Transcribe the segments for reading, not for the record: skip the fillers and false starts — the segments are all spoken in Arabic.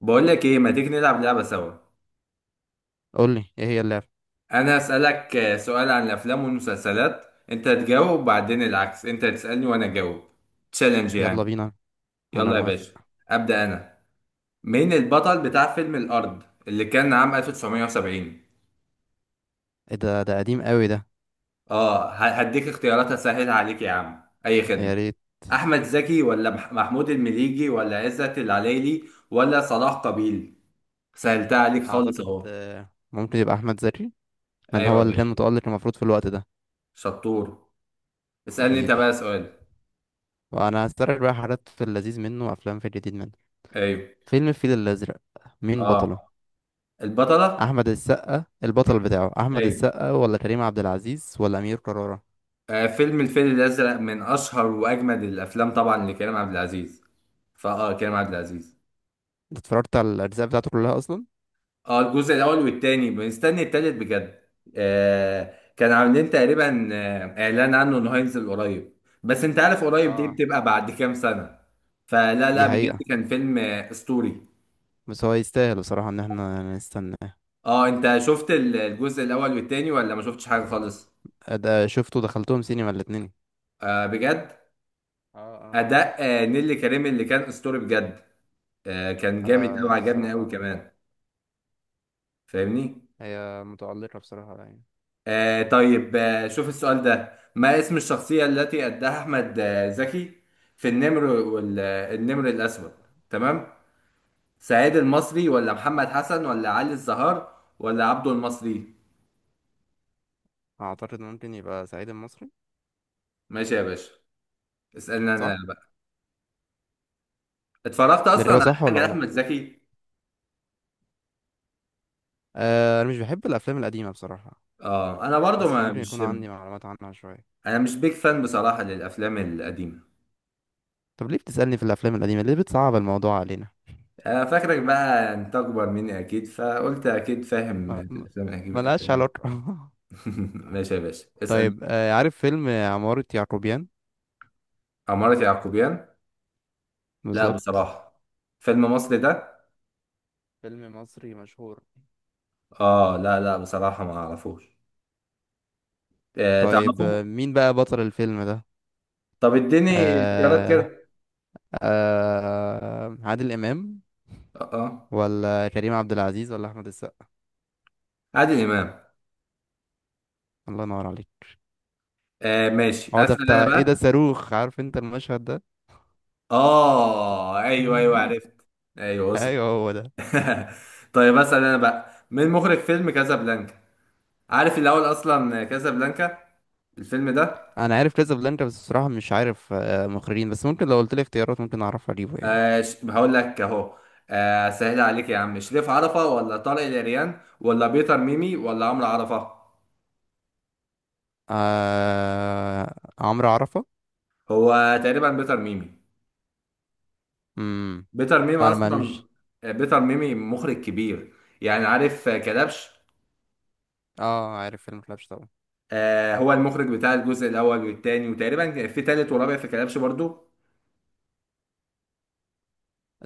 بقول لك ايه، ما تيجي نلعب لعبة سوا؟ قول لي ايه هي اللعبة. انا هسألك سؤال عن الافلام والمسلسلات. انت تجاوب وبعدين العكس، انت تسألني وانا اجاوب. تشالنج يلا يعني. بينا. انا يلا يا موافق. باشا. ابدأ انا. مين البطل بتاع فيلم الارض اللي كان عام 1970؟ ايه ده، قديم قوي ده. اه، هديك اختيارات اسهلها عليك يا عم، اي خدمة. يا ريت. احمد زكي ولا محمود المليجي ولا عزت العلايلي ولا صلاح قابيل؟ سهلتها عليك خالص اعتقد اهو. ممكن يبقى احمد زكي، لان ايوه هو يا اللي كان باشا. متألق المفروض في الوقت ده. شطور. اسألني انت حبيبي، بقى سؤال. وانا هسترجع بقى حاجات في اللذيذ منه وافلام في الجديد منه. ايوه. فيلم الفيل الازرق، مين بطله؟ اه، البطلة. احمد السقا البطل مم. بتاعه، احمد ايوه. السقا ولا كريم عبد العزيز ولا امير كرارة؟ فيلم الفيل الأزرق من أشهر وأجمد الأفلام طبعا لكريم عبد العزيز. فاه كريم عبد العزيز. انت اتفرجت على الاجزاء بتاعته كلها اصلا؟ اه، الجزء الأول والتاني بنستني التالت بجد. كان عاملين تقريبا إعلان عنه إنه هينزل قريب. بس أنت عارف قريب دي اه، بتبقى بعد كام سنة. فلا لا، دي بجد حقيقة. كان فيلم أسطوري. بس هو يستاهل بصراحة ان احنا نستناه. اه، أنت شفت الجزء الأول والتاني ولا ما شفتش حاجة خالص؟ ده شفته، دخلتهم سينما الاتنين. بجد. اه، أداء نيللي كريم اللي كان أسطوري بجد. كان جامد قوي، آه عجبني قوي الصراحة. كمان. فاهمني. هي متألقة بصراحة يعني. طيب، شوف السؤال ده. ما اسم الشخصية التي أداها أحمد زكي في النمر والنمر الأسود؟ تمام. سعيد المصري ولا محمد حسن ولا علي الزهار ولا عبده المصري؟ أعتقد ممكن يبقى صعيدي المصري. ماشي يا باشا. اسألني أنا صح؟ بقى. اتفرجت أصلا الإجابة على صح حاجة ولا لأحمد غلط؟ زكي؟ آه أنا مش بحب الأفلام القديمة بصراحة، اه، أنا برضو بس ما ممكن مش. يكون عندي معلومات عنها شوية. أنا مش بيك فان بصراحة للأفلام القديمة. طب ليه بتسألني في الأفلام القديمة؟ ليه بتصعب الموضوع علينا؟ فاكرك بقى انت اكبر مني اكيد، فقلت اكيد فاهم ما- ما- الافلام ملهاش الاجنبي. علاقة. ماشي يا باشا، اسال. طيب آه، عارف فيلم عمارة يعقوبيان؟ عمارة يعقوبيان. لا بالظبط. بصراحه. فيلم مصري ده؟ فيلم مصري مشهور. اه، لا لا، بصراحه ما اعرفوش. طيب تعرفه. مين بقى بطل الفيلم ده؟ طب اديني اختيارات آه، كده. آه عادل إمام اه. آه. ولا كريم عبد العزيز ولا أحمد السقا؟ عادل امام. الله ينور عليك. ماشي، هو ده اسال انا بتاع ايه ده، بقى. صاروخ، عارف انت المشهد ده. اه، ايوه، ايوه عرفت. ايوه وصل. ايوه هو ده. طيب، اسال انا بقى. مين مخرج فيلم كازابلانكا؟ عارف الاول اصلا كازابلانكا الفيلم ده؟ انا عارف كازابلانكا بس بصراحه مش عارف مخرجين، بس ممكن لو قلت لي اختيارات ممكن اعرف اجيبه يعني. هقول لك اهو. سهل عليك يا عم. شريف عرفة ولا طارق العريان ولا بيتر ميمي ولا عمرو عرفة؟ عمرو عرفه. هو تقريبا بيتر ميمي. امم، بيتر ميمي انا ما اصلا. مش. بيتر ميمي مخرج كبير. يعني عارف كلبش. اه، عارف فيلم فلاش طبعا. هو المخرج بتاع الجزء الاول والتاني، وتقريبا كان في تالت ورابع في كلبش برضو.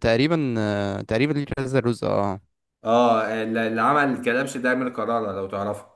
تقريبا تقريبا ليه كذا جزء اه. اه، اللي عمل كلبش ده امير كرارة لو تعرفه.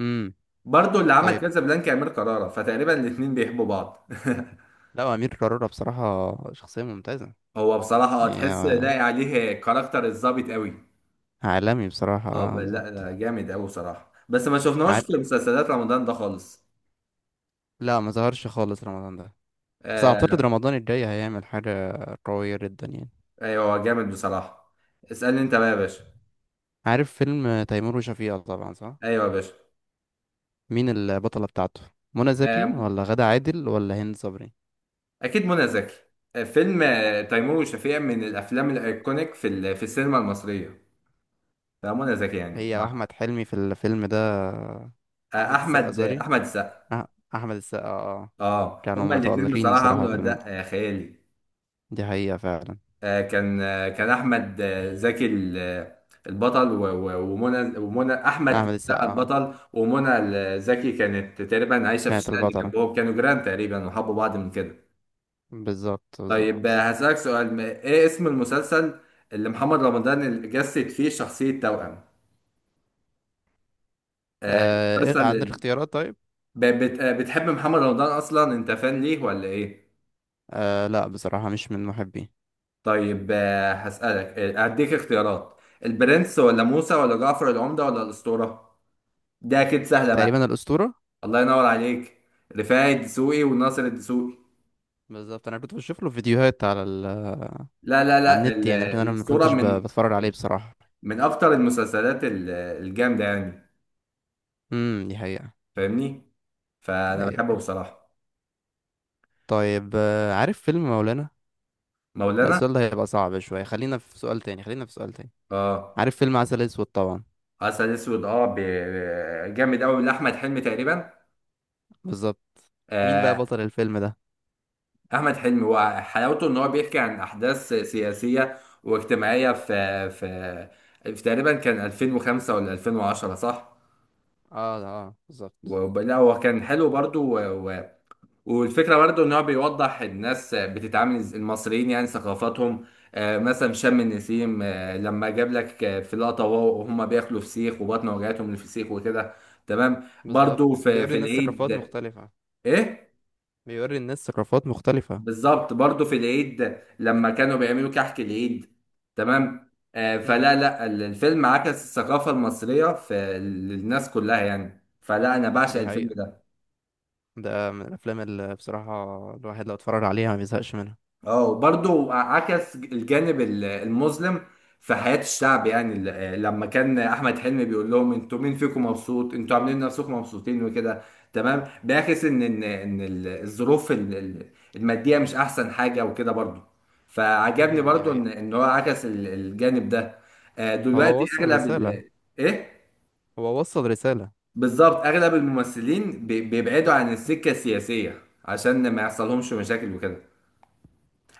امم. برضو اللي عمل طيب، كازابلانكا امير كرارة، فتقريبا الاتنين بيحبوا بعض. لا امير كرارة بصراحه شخصيه ممتازه. هو بصراحة، هي تحس لاقي عليه كاركتر الظابط قوي. عالمي بصراحه، اه، اه لا بالظبط. لا، جامد قوي بصراحة، بس ما شفناهوش عار... في مسلسلات رمضان ده خالص. لا ما ظهرش خالص رمضان ده. بس اعتقد آه رمضان الجاي هيعمل حاجة قوية جدا يعني. ايوه، هو جامد بصراحة. اسألني انت بقى يا باشا. عارف فيلم تيمور وشفيقة طبعا، صح؟ ايوه يا باشا. مين البطلة بتاعته؟ منى زكي آه ولا غادة عادل ولا هند صبري؟ اكيد منى زكي. فيلم تيمور وشفيقة من الافلام الايكونيك في السينما المصرية. فمنى زكي يعني هي واحمد حلمي في الفيلم ده. احمد السقا، احمد آه، سوري، احمد السقا. أح- احمد السقا اه آه. اه، كانوا هما الاتنين متألقين بصراحة بصراحة عملوا في الفيلم، اداء خيالي. دي حقيقة فعلا. كان احمد زكي البطل ومنى احمد احمد السقا السقا اه، البطل، ومنى زكي كانت تقريبا عايشه في كانت الشقه اللي البطلة. جنبهم، كانوا جيران تقريبا وحبوا بعض من كده. بالظبط طيب بالظبط. هسألك سؤال. ايه اسم المسلسل اللي محمد رمضان جسد فيه شخصيه توأم؟ آه، آه عندك المسلسل. اختيارات طيب؟ بتحب محمد رمضان اصلا انت؟ فان ليه ولا ايه؟ آه لا بصراحة مش من محبي. طيب هسألك هديك اختيارات. البرنس ولا موسى ولا جعفر العمدة ولا الأسطورة؟ دي اكيد سهله بقى. تقريبا الأسطورة. الله ينور عليك. رفاعي الدسوقي وناصر الدسوقي. بالظبط، انا كنت بشوف له فيديوهات على لا لا على لا، النت يعني، لكن انا ما الاسطوره كنتش من بتفرج عليه بصراحة. من اكتر المسلسلات الجامده يعني. امم، دي حقيقة. فاهمني. فانا ايوه، بحبه أيوة. بصراحه. طيب آه، عارف فيلم مولانا؟ لا مولانا. السؤال ده هيبقى صعب شوية، خلينا في سؤال تاني، خلينا في سؤال تاني. اه، عارف فيلم عسل اسود طبعا. عسل اسود. جامد قوي لاحمد حلمي تقريبا. بالظبط. مين بقى آه بطل الفيلم ده؟ احمد حلمي، وحلاوته ان هو بيحكي عن احداث سياسيه واجتماعيه في في تقريبا كان 2005 ولا 2010 صح؟ اه اه، بالظبط لا، هو كان حلو برضو. والفكرة برضو ان هو بيوضح الناس بتتعامل، المصريين يعني، ثقافاتهم. مثلا شم النسيم، لما جاب لك في لقطة وهم بياكلوا فسيخ وبطن، وجعتهم من الفسيخ وكده. تمام، برضو بالظبط. بيوري في الناس العيد. ثقافات مختلفة. ايه. بيوري الناس ثقافات مختلفة. بالظبط، برضو في العيد لما كانوا بيعملوا كحك العيد. تمام. امم، فلا لا، الفيلم عكس الثقافة المصرية للناس كلها يعني. فلا، انا بعشق دي الفيلم حقيقة. ده. ده من الافلام اللي بصراحة الواحد لو اتفرج عليها ما بيزهقش منها. اه، وبرضه عكس الجانب المظلم في حياة الشعب يعني، لما كان أحمد حلمي بيقول لهم: انتوا مين فيكم مبسوط؟ انتوا عاملين نفسكم مبسوطين وكده. تمام، بيعكس ان الظروف المادية مش أحسن حاجة وكده برضه. فعجبني مهم. دي برضه حقيقة. ان هو عكس الجانب ده. هو دلوقتي وصل أغلب رسالة. إيه؟ هو وصل رسالة. بالظبط، أغلب الممثلين بيبعدوا عن السكة السياسية عشان ما يحصلهمش مشاكل وكده.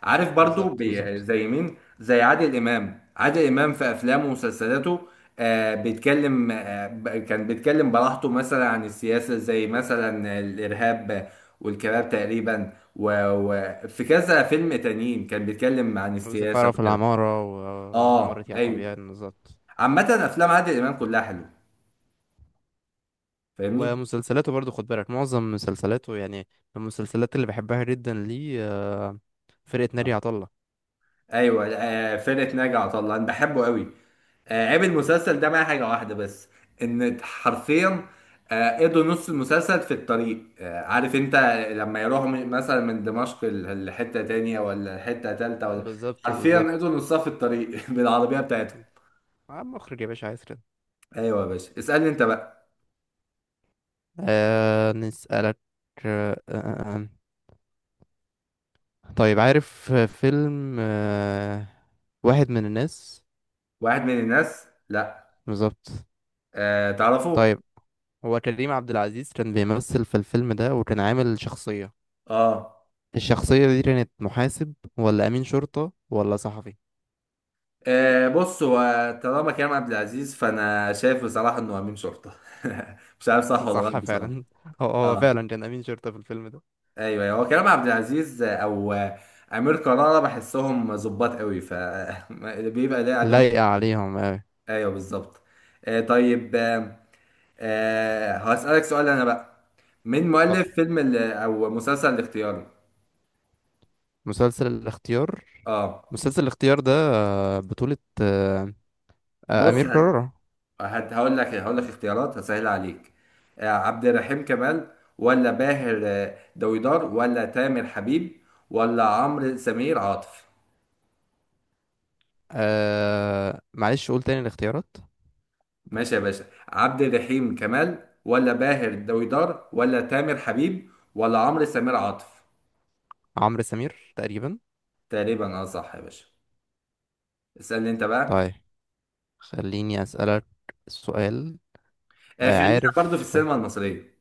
عارف برضو، بالظبط بالظبط. زي مين؟ زي عادل امام. عادل امام في افلامه ومسلسلاته بيتكلم. كان بيتكلم براحته مثلا عن السياسه، زي مثلا الارهاب والكباب تقريبا، وفي كذا فيلم تانيين كان بيتكلم عن السياسه والزفارة في وكده. العمارة وعمارة اه، ايوه، يعقوبيان، بالظبط. عامه افلام عادل امام كلها حلوه. فاهمني. ومسلسلاته برضو، خد بالك معظم مسلسلاته يعني من المسلسلات اللي بحبها جدا ليه فرقة ناري آه. عطا الله. ايوه، فرقه ناجي عطا الله انا بحبه قوي. عيب المسلسل ده معايا حاجه واحده بس. ان حرفيا قضوا نص المسلسل في الطريق. عارف انت، لما يروحوا مثلا من دمشق لحته تانية ولا حته تالتة ولا. بالظبط حرفيا قضوا بالظبط. نصها في الطريق. بالعربيه بتاعتهم. عم مخرج يا باشا، عايز كده. ايوه يا باشا، اسالني انت بقى. آه نسألك. آه آه آه. آه، طيب، عارف فيلم آه واحد من الناس؟ واحد من الناس؟ لا. بالظبط. أه تعرفه. طيب، هو كريم عبد العزيز كان بيمثل في الفيلم ده، وكان عامل شخصية. اه، الشخصية دي كانت محاسب ولا أمين شرطة ولا صحفي؟ بص هو، طالما كريم عبد العزيز فانا شايف بصراحه انه امين شرطه. مش عارف صح ولا غلط صح بصراحه. فعلا. هو اه، فعلا كان أمين شرطة في الفيلم ده. ايوه، أيوة. هو كريم عبد العزيز او امير كرارة بحسهم ظباط قوي، ف بيبقى ده عليهم. لايقة عليهم أوي. ايوه بالظبط. طيب، هسألك سؤال انا بقى. مين اتفضل. مؤلف فيلم او مسلسل الاختيار؟ مسلسل الاختيار. اه، مسلسل الاختيار ده بطولة بص، أمير كرارة. هقول لك، اختيارات هسهل عليك. عبد الرحيم كمال ولا باهر دويدار ولا تامر حبيب ولا عمرو سمير عاطف؟ آه معلش، قول تاني الاختيارات. ماشي يا باشا. عبد الرحيم كمال ولا باهر دويدار ولا تامر حبيب ولا عمرو سمير عاطف؟ عمرو سمير تقريبا. تقريبا، اه صح يا باشا. اسألني انت بقى. طيب، خليني أسألك سؤال. خلينا برضو في عارف، السينما المصرية.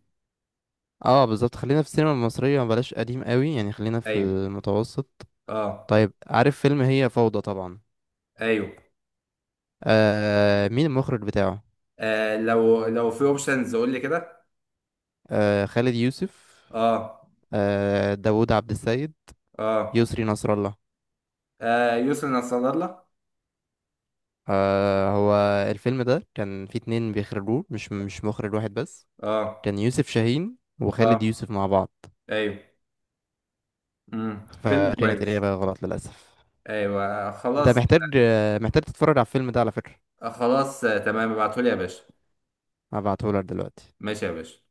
اه بالظبط خلينا في السينما المصرية، بلاش قديم قوي يعني، خلينا في ايوه، المتوسط. اه، طيب عارف فيلم هي فوضى طبعا؟ ايوه. آه مين المخرج بتاعه؟ لو في اوبشنز قول لي كده. آه خالد يوسف، اه، آه داوود عبد السيد، اه، يسري نصر الله. يسرا نصر الله. آه هو الفيلم ده كان فيه اتنين بيخرجوه، مش مخرج واحد بس. اه، كان يوسف شاهين وخالد اه، يوسف مع بعض. ايوه. فيلم فكانت كويس. الإجابة غلط للأسف. ايوه، انت خلاص، محتاج محتاج تتفرج على الفيلم ده على فكرة. تمام ابعتهولي يا باشا. هبعتهولك دلوقتي. ماشي يا باشا.